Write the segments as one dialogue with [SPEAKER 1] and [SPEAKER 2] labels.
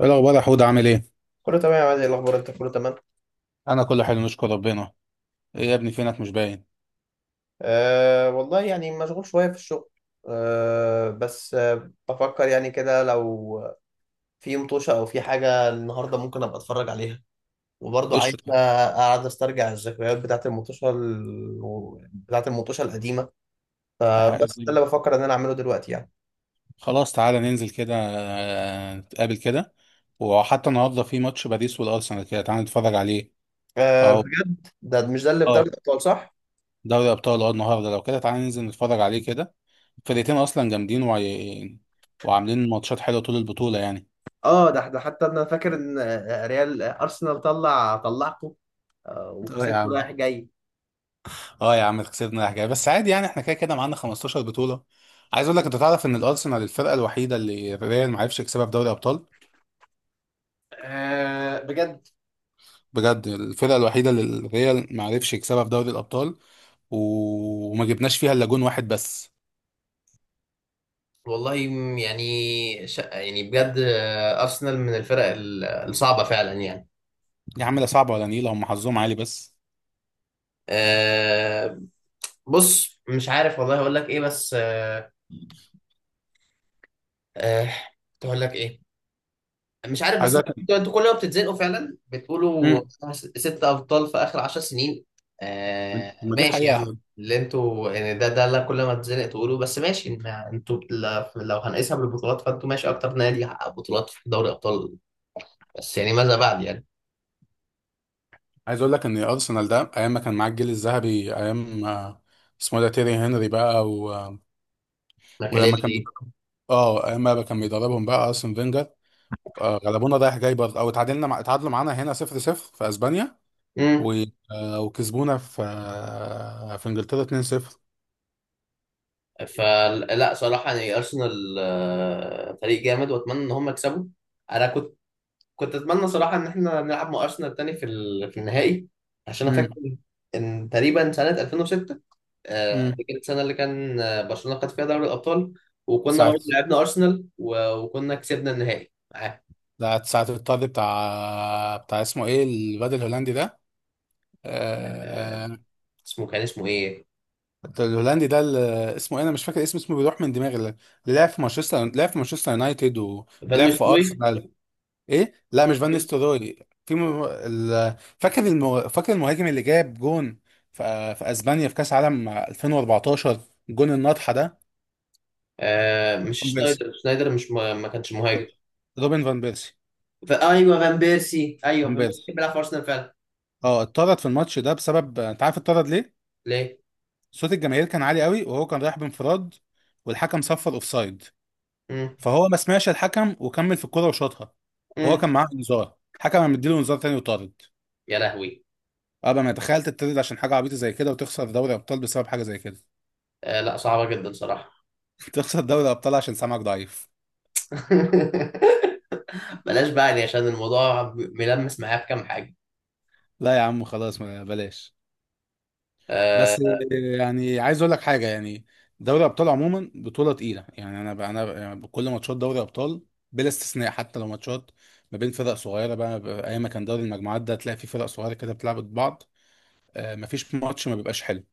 [SPEAKER 1] ايه الاخبار يا حود، عامل ايه؟
[SPEAKER 2] كله تمام يا عادل. إيه الاخبار انت؟ كله تمام.
[SPEAKER 1] انا كله حلو، نشكر ربنا. ايه يا ابني، فينك مش باين؟
[SPEAKER 2] أه، والله يعني مشغول شويه في الشغل. أه، بس بفكر يعني كده، لو في مطوشه او في حاجه النهارده، ممكن ابقى اتفرج عليها. وبرضه عايز
[SPEAKER 1] قشطة.
[SPEAKER 2] اقعد استرجع الذكريات بتاعت المطوشه، بتاعت المطوشه القديمه.
[SPEAKER 1] ح-
[SPEAKER 2] فبس ده اللي بفكر ان انا اعمله دلوقتي، يعني.
[SPEAKER 1] خلاص تعالى ننزل كده، نتقابل كده. وحتى النهارده في ماتش باريس والارسنال، كده تعالى نتفرج عليه.
[SPEAKER 2] أه
[SPEAKER 1] اه،
[SPEAKER 2] بجد؟ ده، مش ده اللي في دوري
[SPEAKER 1] اه،
[SPEAKER 2] الابطال، صح؟
[SPEAKER 1] دوري ابطال. اه، النهارده لو كده تعالى ننزل نتفرج عليه كده. الفرقتين اصلا جامدين وعاملين ماتشات حلوه طول البطوله يعني.
[SPEAKER 2] اه، ده حتى انا فاكر ان ريال ارسنال طلعكم.
[SPEAKER 1] اه يا
[SPEAKER 2] وكسبته
[SPEAKER 1] عم،
[SPEAKER 2] رايح جاي.
[SPEAKER 1] اه يا عم، خسرنا حاجه بس عادي يعني، احنا كده كده معانا 15 بطوله. عايز اقول لك، انت تعرف ان الارسنال الفرقه الوحيده اللي الريال ما عرفش يكسبها في دوري ابطال.
[SPEAKER 2] آه بجد؟
[SPEAKER 1] بجد، الفرقه الوحيده اللي الريال ما عرفش يكسبها في دوري الابطال. وما جبناش فيها الا جون واحد بس.
[SPEAKER 2] والله، يعني يعني بجد، ارسنال من الفرق الصعبه فعلا، يعني.
[SPEAKER 1] يا عم، لا صعبه ولا نيله، هم حظهم عالي بس.
[SPEAKER 2] أه، بص مش عارف والله، اقول لك ايه؟ بس. آه، اقول لك ايه؟ مش عارف،
[SPEAKER 1] عايز
[SPEAKER 2] بس
[SPEAKER 1] اقول لك.
[SPEAKER 2] انتوا كل ما بتتزنقوا فعلا بتقولوا
[SPEAKER 1] امم.
[SPEAKER 2] ست ابطال في اخر 10 سنين. أه،
[SPEAKER 1] ما دي
[SPEAKER 2] ماشي يا عم.
[SPEAKER 1] حقيقه.
[SPEAKER 2] اللي انتوا يعني ده اللي كل ما تتزنق تقولوا. بس ماشي، ما انتوا لو هنقيسها بالبطولات، فانتوا ماشي اكتر نادي حقق بطولات في دوري ابطال. بس يعني، ماذا بعد يعني.
[SPEAKER 1] عايز اقول لك ان ارسنال ده ايام ما كان معاه الجيل الذهبي، ايام اسمه إيه ده، تيري هنري بقى ولما كان
[SPEAKER 2] ماكاليلي.
[SPEAKER 1] بيدرب، اه ايام ما كان بيدربهم بقى ارسن فينجر. غلبونا رايح جاي برضه، او اتعادلنا اتعادلوا معانا هنا 0-0 في اسبانيا و... وكسبونا في انجلترا 2-0.
[SPEAKER 2] فلا صراحة، يعني أرسنال فريق جامد، وأتمنى إن هم يكسبوا. أنا كنت أتمنى صراحة إن إحنا نلعب مع أرسنال تاني في النهائي. عشان أنا فاكر إن تقريبا سنة 2006، دي
[SPEAKER 1] امم.
[SPEAKER 2] كانت السنة اللي كان برشلونة خد فيها دوري الأبطال. وكنا
[SPEAKER 1] ساعة
[SPEAKER 2] برضه لعبنا أرسنال، وكنا كسبنا النهائي معاه.
[SPEAKER 1] ده ساعة الطرد بتاع، اسمه ايه الواد الهولندي ده؟
[SPEAKER 2] آه،
[SPEAKER 1] آه، آه،
[SPEAKER 2] اسمه إيه؟
[SPEAKER 1] الهولندي ده اللي اسمه ايه، انا مش فاكر اسمه، بيروح من دماغي، اللي لعب في مانشستر يونايتد
[SPEAKER 2] فان
[SPEAKER 1] ولعب في
[SPEAKER 2] نيستروي.
[SPEAKER 1] ارسنال. ايه، لا مش فان نيستلروي. في م... ال... فاكر الم... فاكر المهاجم اللي جاب جون في اسبانيا في كاس عالم 2014، الجون الناطحه ده.
[SPEAKER 2] مش
[SPEAKER 1] فان بيرسي
[SPEAKER 2] شنايدر. شنايدر مش، ما كانش مهاجم.
[SPEAKER 1] روبن فان بيرسي.
[SPEAKER 2] أيوه، فان بيرسي. أيوه،
[SPEAKER 1] فان
[SPEAKER 2] فان بيرسي
[SPEAKER 1] بيرسي،
[SPEAKER 2] كان بيلعب في أرسنال فعلا.
[SPEAKER 1] اه اتطرد في الماتش ده بسبب، انت عارف اتطرد ليه؟
[SPEAKER 2] ليه؟
[SPEAKER 1] صوت الجماهير كان عالي قوي، وهو كان رايح بانفراد والحكم صفر اوفسايد.
[SPEAKER 2] مم.
[SPEAKER 1] فهو ما سمعش الحكم وكمل في الكرة وشاطها. وهو
[SPEAKER 2] مم.
[SPEAKER 1] كان معاه انذار، حكم قام مديله انذار تاني وطارد.
[SPEAKER 2] يا لهوي.
[SPEAKER 1] ابقى ما تخيل تطرد عشان حاجه عبيطه زي كده، وتخسر دوري ابطال بسبب حاجه زي كده.
[SPEAKER 2] آه، لا صعبة جدا صراحة.
[SPEAKER 1] تخسر دوري ابطال عشان سمعك ضعيف.
[SPEAKER 2] بلاش بقى يعني، عشان الموضوع ملمس معايا في كام حاجة.
[SPEAKER 1] لا يا عم خلاص، ما بلاش. بس.
[SPEAKER 2] آه.
[SPEAKER 1] يعني عايز اقول لك حاجه يعني، دوري ابطال عموما بطوله تقيله، يعني انا يعني كل ماتشات دوري ابطال بلا استثناء، حتى لو ماتشات ما بين فرق صغيره، بقى ايام ما كان دوري المجموعات ده تلاقي فيه فرق صغيره كده بتلعب ضد بعض، آه مفيش ماتش ما بيبقاش حلو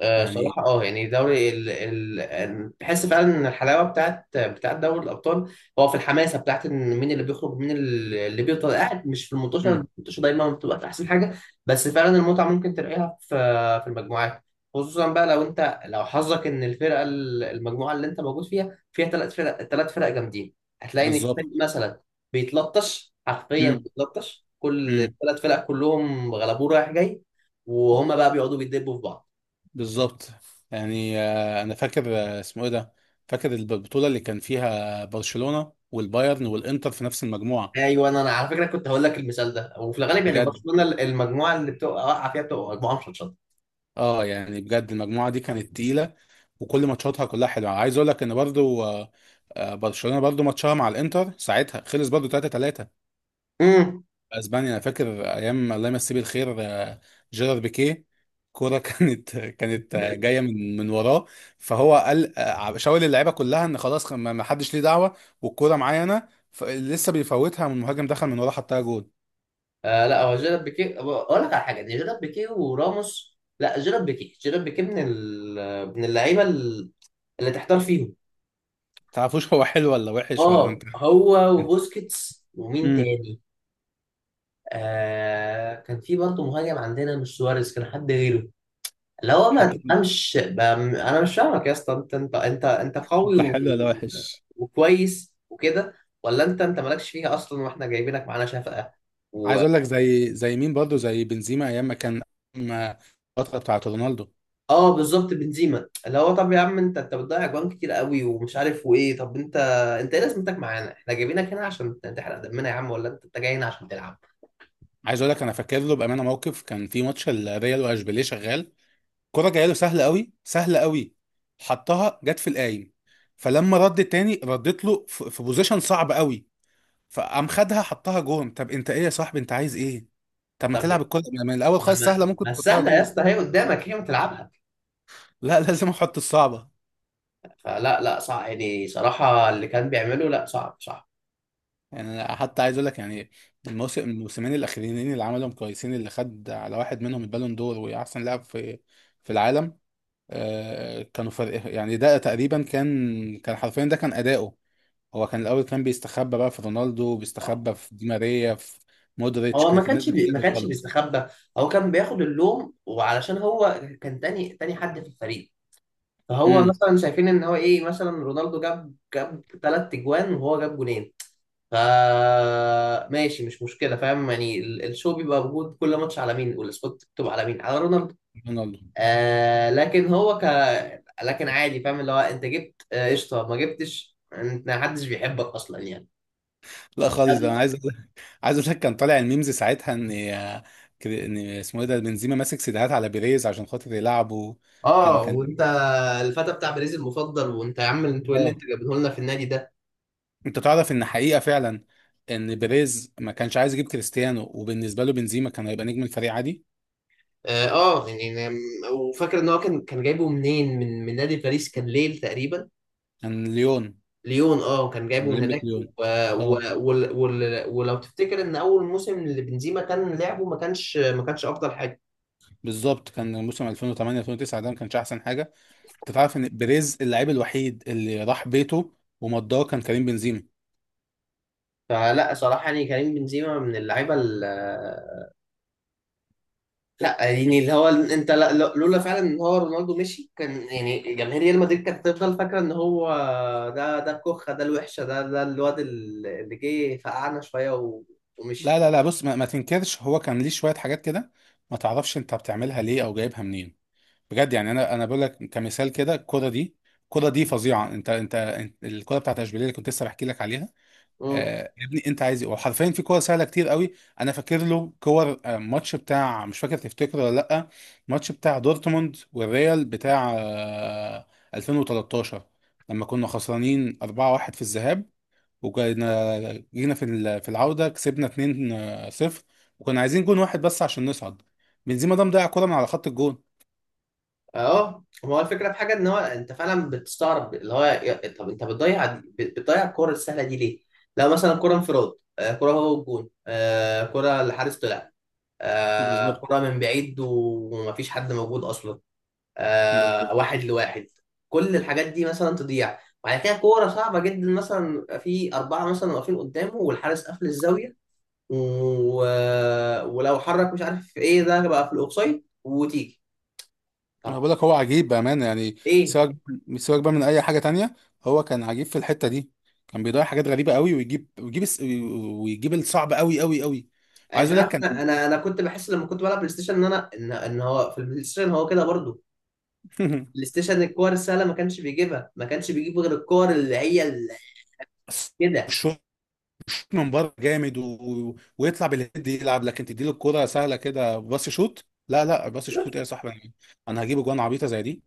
[SPEAKER 1] يعني.
[SPEAKER 2] صراحة، يعني دوري تحس فعلا ان الحلاوة بتاعت دوري الابطال. هو في الحماسة بتاعت ان مين اللي بيخرج، مين اللي بيفضل قاعد، مش في المنتشر.
[SPEAKER 1] امم.
[SPEAKER 2] المنتشر دايما ما بتبقاش احسن حاجة. بس فعلا المتعة ممكن تلاقيها في في المجموعات. خصوصا بقى، لو حظك ان المجموعة اللي انت موجود فيها ثلاث فرق، ثلاث فرق جامدين. هتلاقي ان في فريق
[SPEAKER 1] بالظبط.
[SPEAKER 2] مثلا بيتلطش حرفيا،
[SPEAKER 1] امم.
[SPEAKER 2] بيتلطش، كل
[SPEAKER 1] امم.
[SPEAKER 2] الثلاث فرق كلهم غلبوه رايح جاي. وهما بقى بيقعدوا بيدبوا في بعض.
[SPEAKER 1] بالظبط. يعني انا فاكر، اسمه ايه ده، فاكر البطوله اللي كان فيها برشلونه والبايرن والانتر في نفس المجموعه.
[SPEAKER 2] ايوه، أنا على فكره كنت هقول لك المثال ده. وفي الغالب يعني
[SPEAKER 1] بجد.
[SPEAKER 2] برشلونه، المجموعه اللي بتبقى واقعه فيها بتبقى مجموعه مشطشطه.
[SPEAKER 1] اه يعني بجد، المجموعه دي كانت تقيله وكل ماتشاتها كلها حلوه. عايز اقول لك ان برضو برشلونه برضو ماتشها مع الانتر ساعتها خلص برضو 3-3.
[SPEAKER 2] امم
[SPEAKER 1] اسبانيا، انا فاكر ايام الله يمسيه بالخير، جيرار بيكيه. كوره كانت جايه من وراه، فهو قال شاور اللعيبه كلها ان خلاص ما حدش ليه دعوه، والكوره معايا انا، لسه بيفوتها والمهاجم دخل من وراه حطها جول.
[SPEAKER 2] آه، لا هو جيرارد بيكيه، اقول لك على حاجه. دي جيرارد بيكيه وراموس. لا، جيرارد بيكيه من من اللعيبه اللي تحتار فيهم.
[SPEAKER 1] تعرفوش هو حلو ولا وحش ولا
[SPEAKER 2] اه،
[SPEAKER 1] انت؟
[SPEAKER 2] هو وبوسكيتس ومين
[SPEAKER 1] مم.
[SPEAKER 2] تاني؟ آه، كان في برضه مهاجم عندنا، مش سواريز، كان حد غيره. اللي هو، ما
[SPEAKER 1] حد،
[SPEAKER 2] تفهمش. انا مش فاهمك يا اسطى، انت قوي
[SPEAKER 1] ده حلو ولا وحش؟
[SPEAKER 2] وكويس وكده. ولا انت مالكش فيها اصلا، واحنا جايبينك معانا شفقه. و...
[SPEAKER 1] عايز اقول لك زي مين برضه، زي بنزيما ايام ما كان ما- الفتره بتاعت رونالدو.
[SPEAKER 2] اه، بالظبط، بنزيما، اللي هو طب يا عم، انت بتضيع اجوان كتير قوي، ومش عارف وايه. طب انت، انت ايه لازمتك معانا؟ احنا جايبينك هنا عشان تحرق دمنا يا عم، ولا انت جاي هنا عشان تلعب؟
[SPEAKER 1] عايز اقول لك انا فاكر له بامانه موقف، كان في ماتش الريال واشبيليه شغال، كرة جايه له سهله قوي سهله قوي، حطها جت في القايم. فلما رد تاني ردت له في بوزيشن صعب قوي، فقام خدها حطها جون. طب انت ايه يا صاحبي، انت عايز ايه؟ طب ما
[SPEAKER 2] طب ما
[SPEAKER 1] تلعب الكرة من الاول خالص سهله،
[SPEAKER 2] ما
[SPEAKER 1] ممكن
[SPEAKER 2] ما
[SPEAKER 1] تحطها
[SPEAKER 2] السهله يا
[SPEAKER 1] جون.
[SPEAKER 2] اسطى، هي قدامك، هي ما تلعبها.
[SPEAKER 1] لا لازم احط الصعبه.
[SPEAKER 2] فلا، لا صعب يعني صراحه، اللي كان بيعمله لا، صعب صعب.
[SPEAKER 1] يعني أنا حتى عايز اقول لك، يعني الموسمين الاخرين اللي عملهم كويسين، اللي خد على واحد منهم البالون دور واحسن لاعب في في العالم، آه كانوا فرق يعني. ده تقريبا كان حرفيا ده كان اداؤه. هو كان الاول كان بيستخبى بقى في رونالدو، بيستخبى في دي ماريا، في مودريتش،
[SPEAKER 2] هو
[SPEAKER 1] كانت الناس دي
[SPEAKER 2] ما
[SPEAKER 1] كلها
[SPEAKER 2] كانش
[SPEAKER 1] بتخلص.
[SPEAKER 2] بيستخبى. هو كان بياخد اللوم، وعلشان هو كان تاني حد في الفريق. فهو
[SPEAKER 1] امم.
[SPEAKER 2] مثلا شايفين ان هو ايه، مثلا رونالدو جاب ثلاث اجوان وهو جاب جونين. ف ماشي، مش مشكله، فاهم يعني الشو بيبقى موجود كل ماتش على مين، والسبوت مكتوب على مين، على رونالدو.
[SPEAKER 1] رونالدو.
[SPEAKER 2] آه، لكن عادي، فاهم. اللي هو، انت جبت قشطه، ما جبتش، انت ما حدش بيحبك اصلا يعني.
[SPEAKER 1] لا خالص، ده انا عايز اقول لك، عايز اقول لك كان طالع الميمز ساعتها ان ان اسمه ايه ده، بنزيما ماسك سيديهات على بيريز عشان خاطر يلعبه. كان
[SPEAKER 2] اه،
[SPEAKER 1] كان
[SPEAKER 2] وانت الفتى بتاع باريس المفضل. وانت يا عم، انتوا ايه اللي
[SPEAKER 1] اه،
[SPEAKER 2] انتوا جايبينه لنا في النادي ده؟
[SPEAKER 1] انت تعرف ان حقيقة فعلا ان بيريز ما كانش عايز يجيب كريستيانو، وبالنسبة له بنزيما كان هيبقى نجم الفريق عادي.
[SPEAKER 2] اه. وفاكر ان هو كان جايبه منين، من نادي باريس، كان ليل تقريبا.
[SPEAKER 1] كان ليون.
[SPEAKER 2] ليون. اه، كان جايبه من
[SPEAKER 1] اولمبيك
[SPEAKER 2] هناك
[SPEAKER 1] ليون.
[SPEAKER 2] و...
[SPEAKER 1] اه.
[SPEAKER 2] ولو تفتكر ان اول موسم اللي بنزيما كان لعبه، ما كانش افضل حاجه.
[SPEAKER 1] بالظبط، كان موسم 2008-2009 ده ما كانش احسن حاجة. انت تعرف ان بيريز اللاعب الوحيد اللي راح بيته ومضاه كان كريم بنزيما.
[SPEAKER 2] فلا صراحه يعني، كريم بنزيما من اللعيبه. لا يعني، اللي هو انت، لولا فعلا ان هو رونالدو مشي، كان يعني جماهير ريال مدريد كانت هتفضل فاكره ان هو ده الكخه، ده الوحشه، ده الواد اللي جه فقعنا شويه
[SPEAKER 1] لا،
[SPEAKER 2] ومشي.
[SPEAKER 1] لا، لا، بص ما تنكرش، هو كان ليه شوية حاجات كده ما تعرفش انت بتعملها ليه او جايبها منين. بجد يعني، انا بقول لك كمثال، كده الكرة دي، الكرة دي فظيعة، الكرة بتاعت اشبيليه اللي كنت لسه بحكي لك عليها،
[SPEAKER 2] امم
[SPEAKER 1] يا ابني انت عايز ايه، وحرفيا في كور سهله كتير قوي. انا فاكر له كور، ماتش بتاع، مش فاكر تفتكره ولا لا؟ ماتش بتاع دورتموند والريال بتاع 2013، لما كنا خسرانين 4-1 في الذهاب، وجينا في العوده كسبنا 2-0، وكنا عايزين جون واحد بس عشان نصعد، بنزيما ده مضيع كوره من على خط الجون.
[SPEAKER 2] اه، هو الفكره في حاجه، ان هو انت فعلا بتستغرب، اللي هو طب انت بتضيع بتضيع الكره السهله دي ليه؟ لو مثلا كره انفراد، كره هو الجون، كره الحارس طلع،
[SPEAKER 1] بالظبط.
[SPEAKER 2] كره من بعيد ومفيش حد موجود اصلا،
[SPEAKER 1] بالظبط.
[SPEAKER 2] واحد لواحد، كل الحاجات دي مثلا تضيع. وبعد كده كورة صعبة جدا، مثلا يبقى في أربعة مثلا واقفين قدامه والحارس قافل الزاوية و... ولو حرك مش عارف ايه، ده بقى في الأوفسايد وتيجي.
[SPEAKER 1] انا
[SPEAKER 2] طب
[SPEAKER 1] بقول لك هو عجيب بامانه يعني،
[SPEAKER 2] ايه.
[SPEAKER 1] سواء، بقى من اي حاجه تانية، هو كان عجيب في الحته دي، كان بيضيع حاجات غريبه قوي، ويجيب الصعب قوي قوي قوي. وعايز
[SPEAKER 2] انت
[SPEAKER 1] اقول لك
[SPEAKER 2] عارف، انا
[SPEAKER 1] كان
[SPEAKER 2] انا كنت بحس لما كنت بلعب بلاي ستيشن ان إن هو في البلاي ستيشن هو كده برضه. بلاي ستيشن، الكور السهله ما كانش بيجيبها، ما كانش بيجيب غير الكور اللي هي كده.
[SPEAKER 1] الشوط الشوط من بره جامد ويطلع بالهيد يلعب، لكن تديله الكوره سهله كده باص شوت، لا لا باص شوت، ايه يا صاحبي؟ انا، أنا هجيب جوان عبيطه زي دي.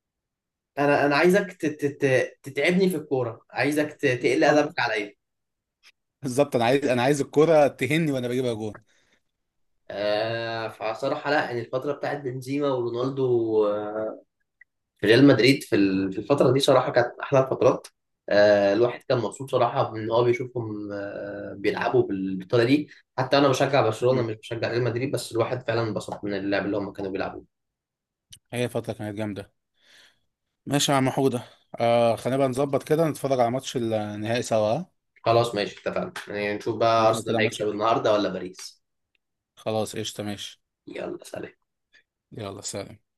[SPEAKER 2] انا عايزك تتعبني في الكوره، عايزك تقل
[SPEAKER 1] بالظبط،
[SPEAKER 2] ادبك عليا.
[SPEAKER 1] بالظبط، انا عايز الكوره تهني وانا بجيبها جوان.
[SPEAKER 2] آه، فصراحة لا يعني، الفترة بتاعت بنزيما ورونالدو في ريال مدريد، في الفترة دي صراحة كانت أحلى الفترات. الواحد كان مبسوط صراحة، إن هو بيشوفهم بيلعبوا بالطريقة دي. حتى أنا بشجع برشلونة،
[SPEAKER 1] مم.
[SPEAKER 2] مش بشجع ريال مدريد، بس الواحد فعلا انبسط من اللعب اللي هم كانوا بيلعبوه.
[SPEAKER 1] هي فتره كانت جامده. ماشي يا عم حودة، آه خلينا بقى نظبط كده نتفرج على ماتش النهائي سوا، ها؟
[SPEAKER 2] خلاص ماشي، اتفقنا يعني. نشوف بقى
[SPEAKER 1] نتفرج كده
[SPEAKER 2] أرسنال
[SPEAKER 1] على ماتش.
[SPEAKER 2] هيكسب النهاردة ولا باريس؟
[SPEAKER 1] خلاص قشطة، ماشي.
[SPEAKER 2] يلا سلام.
[SPEAKER 1] يلا سلام.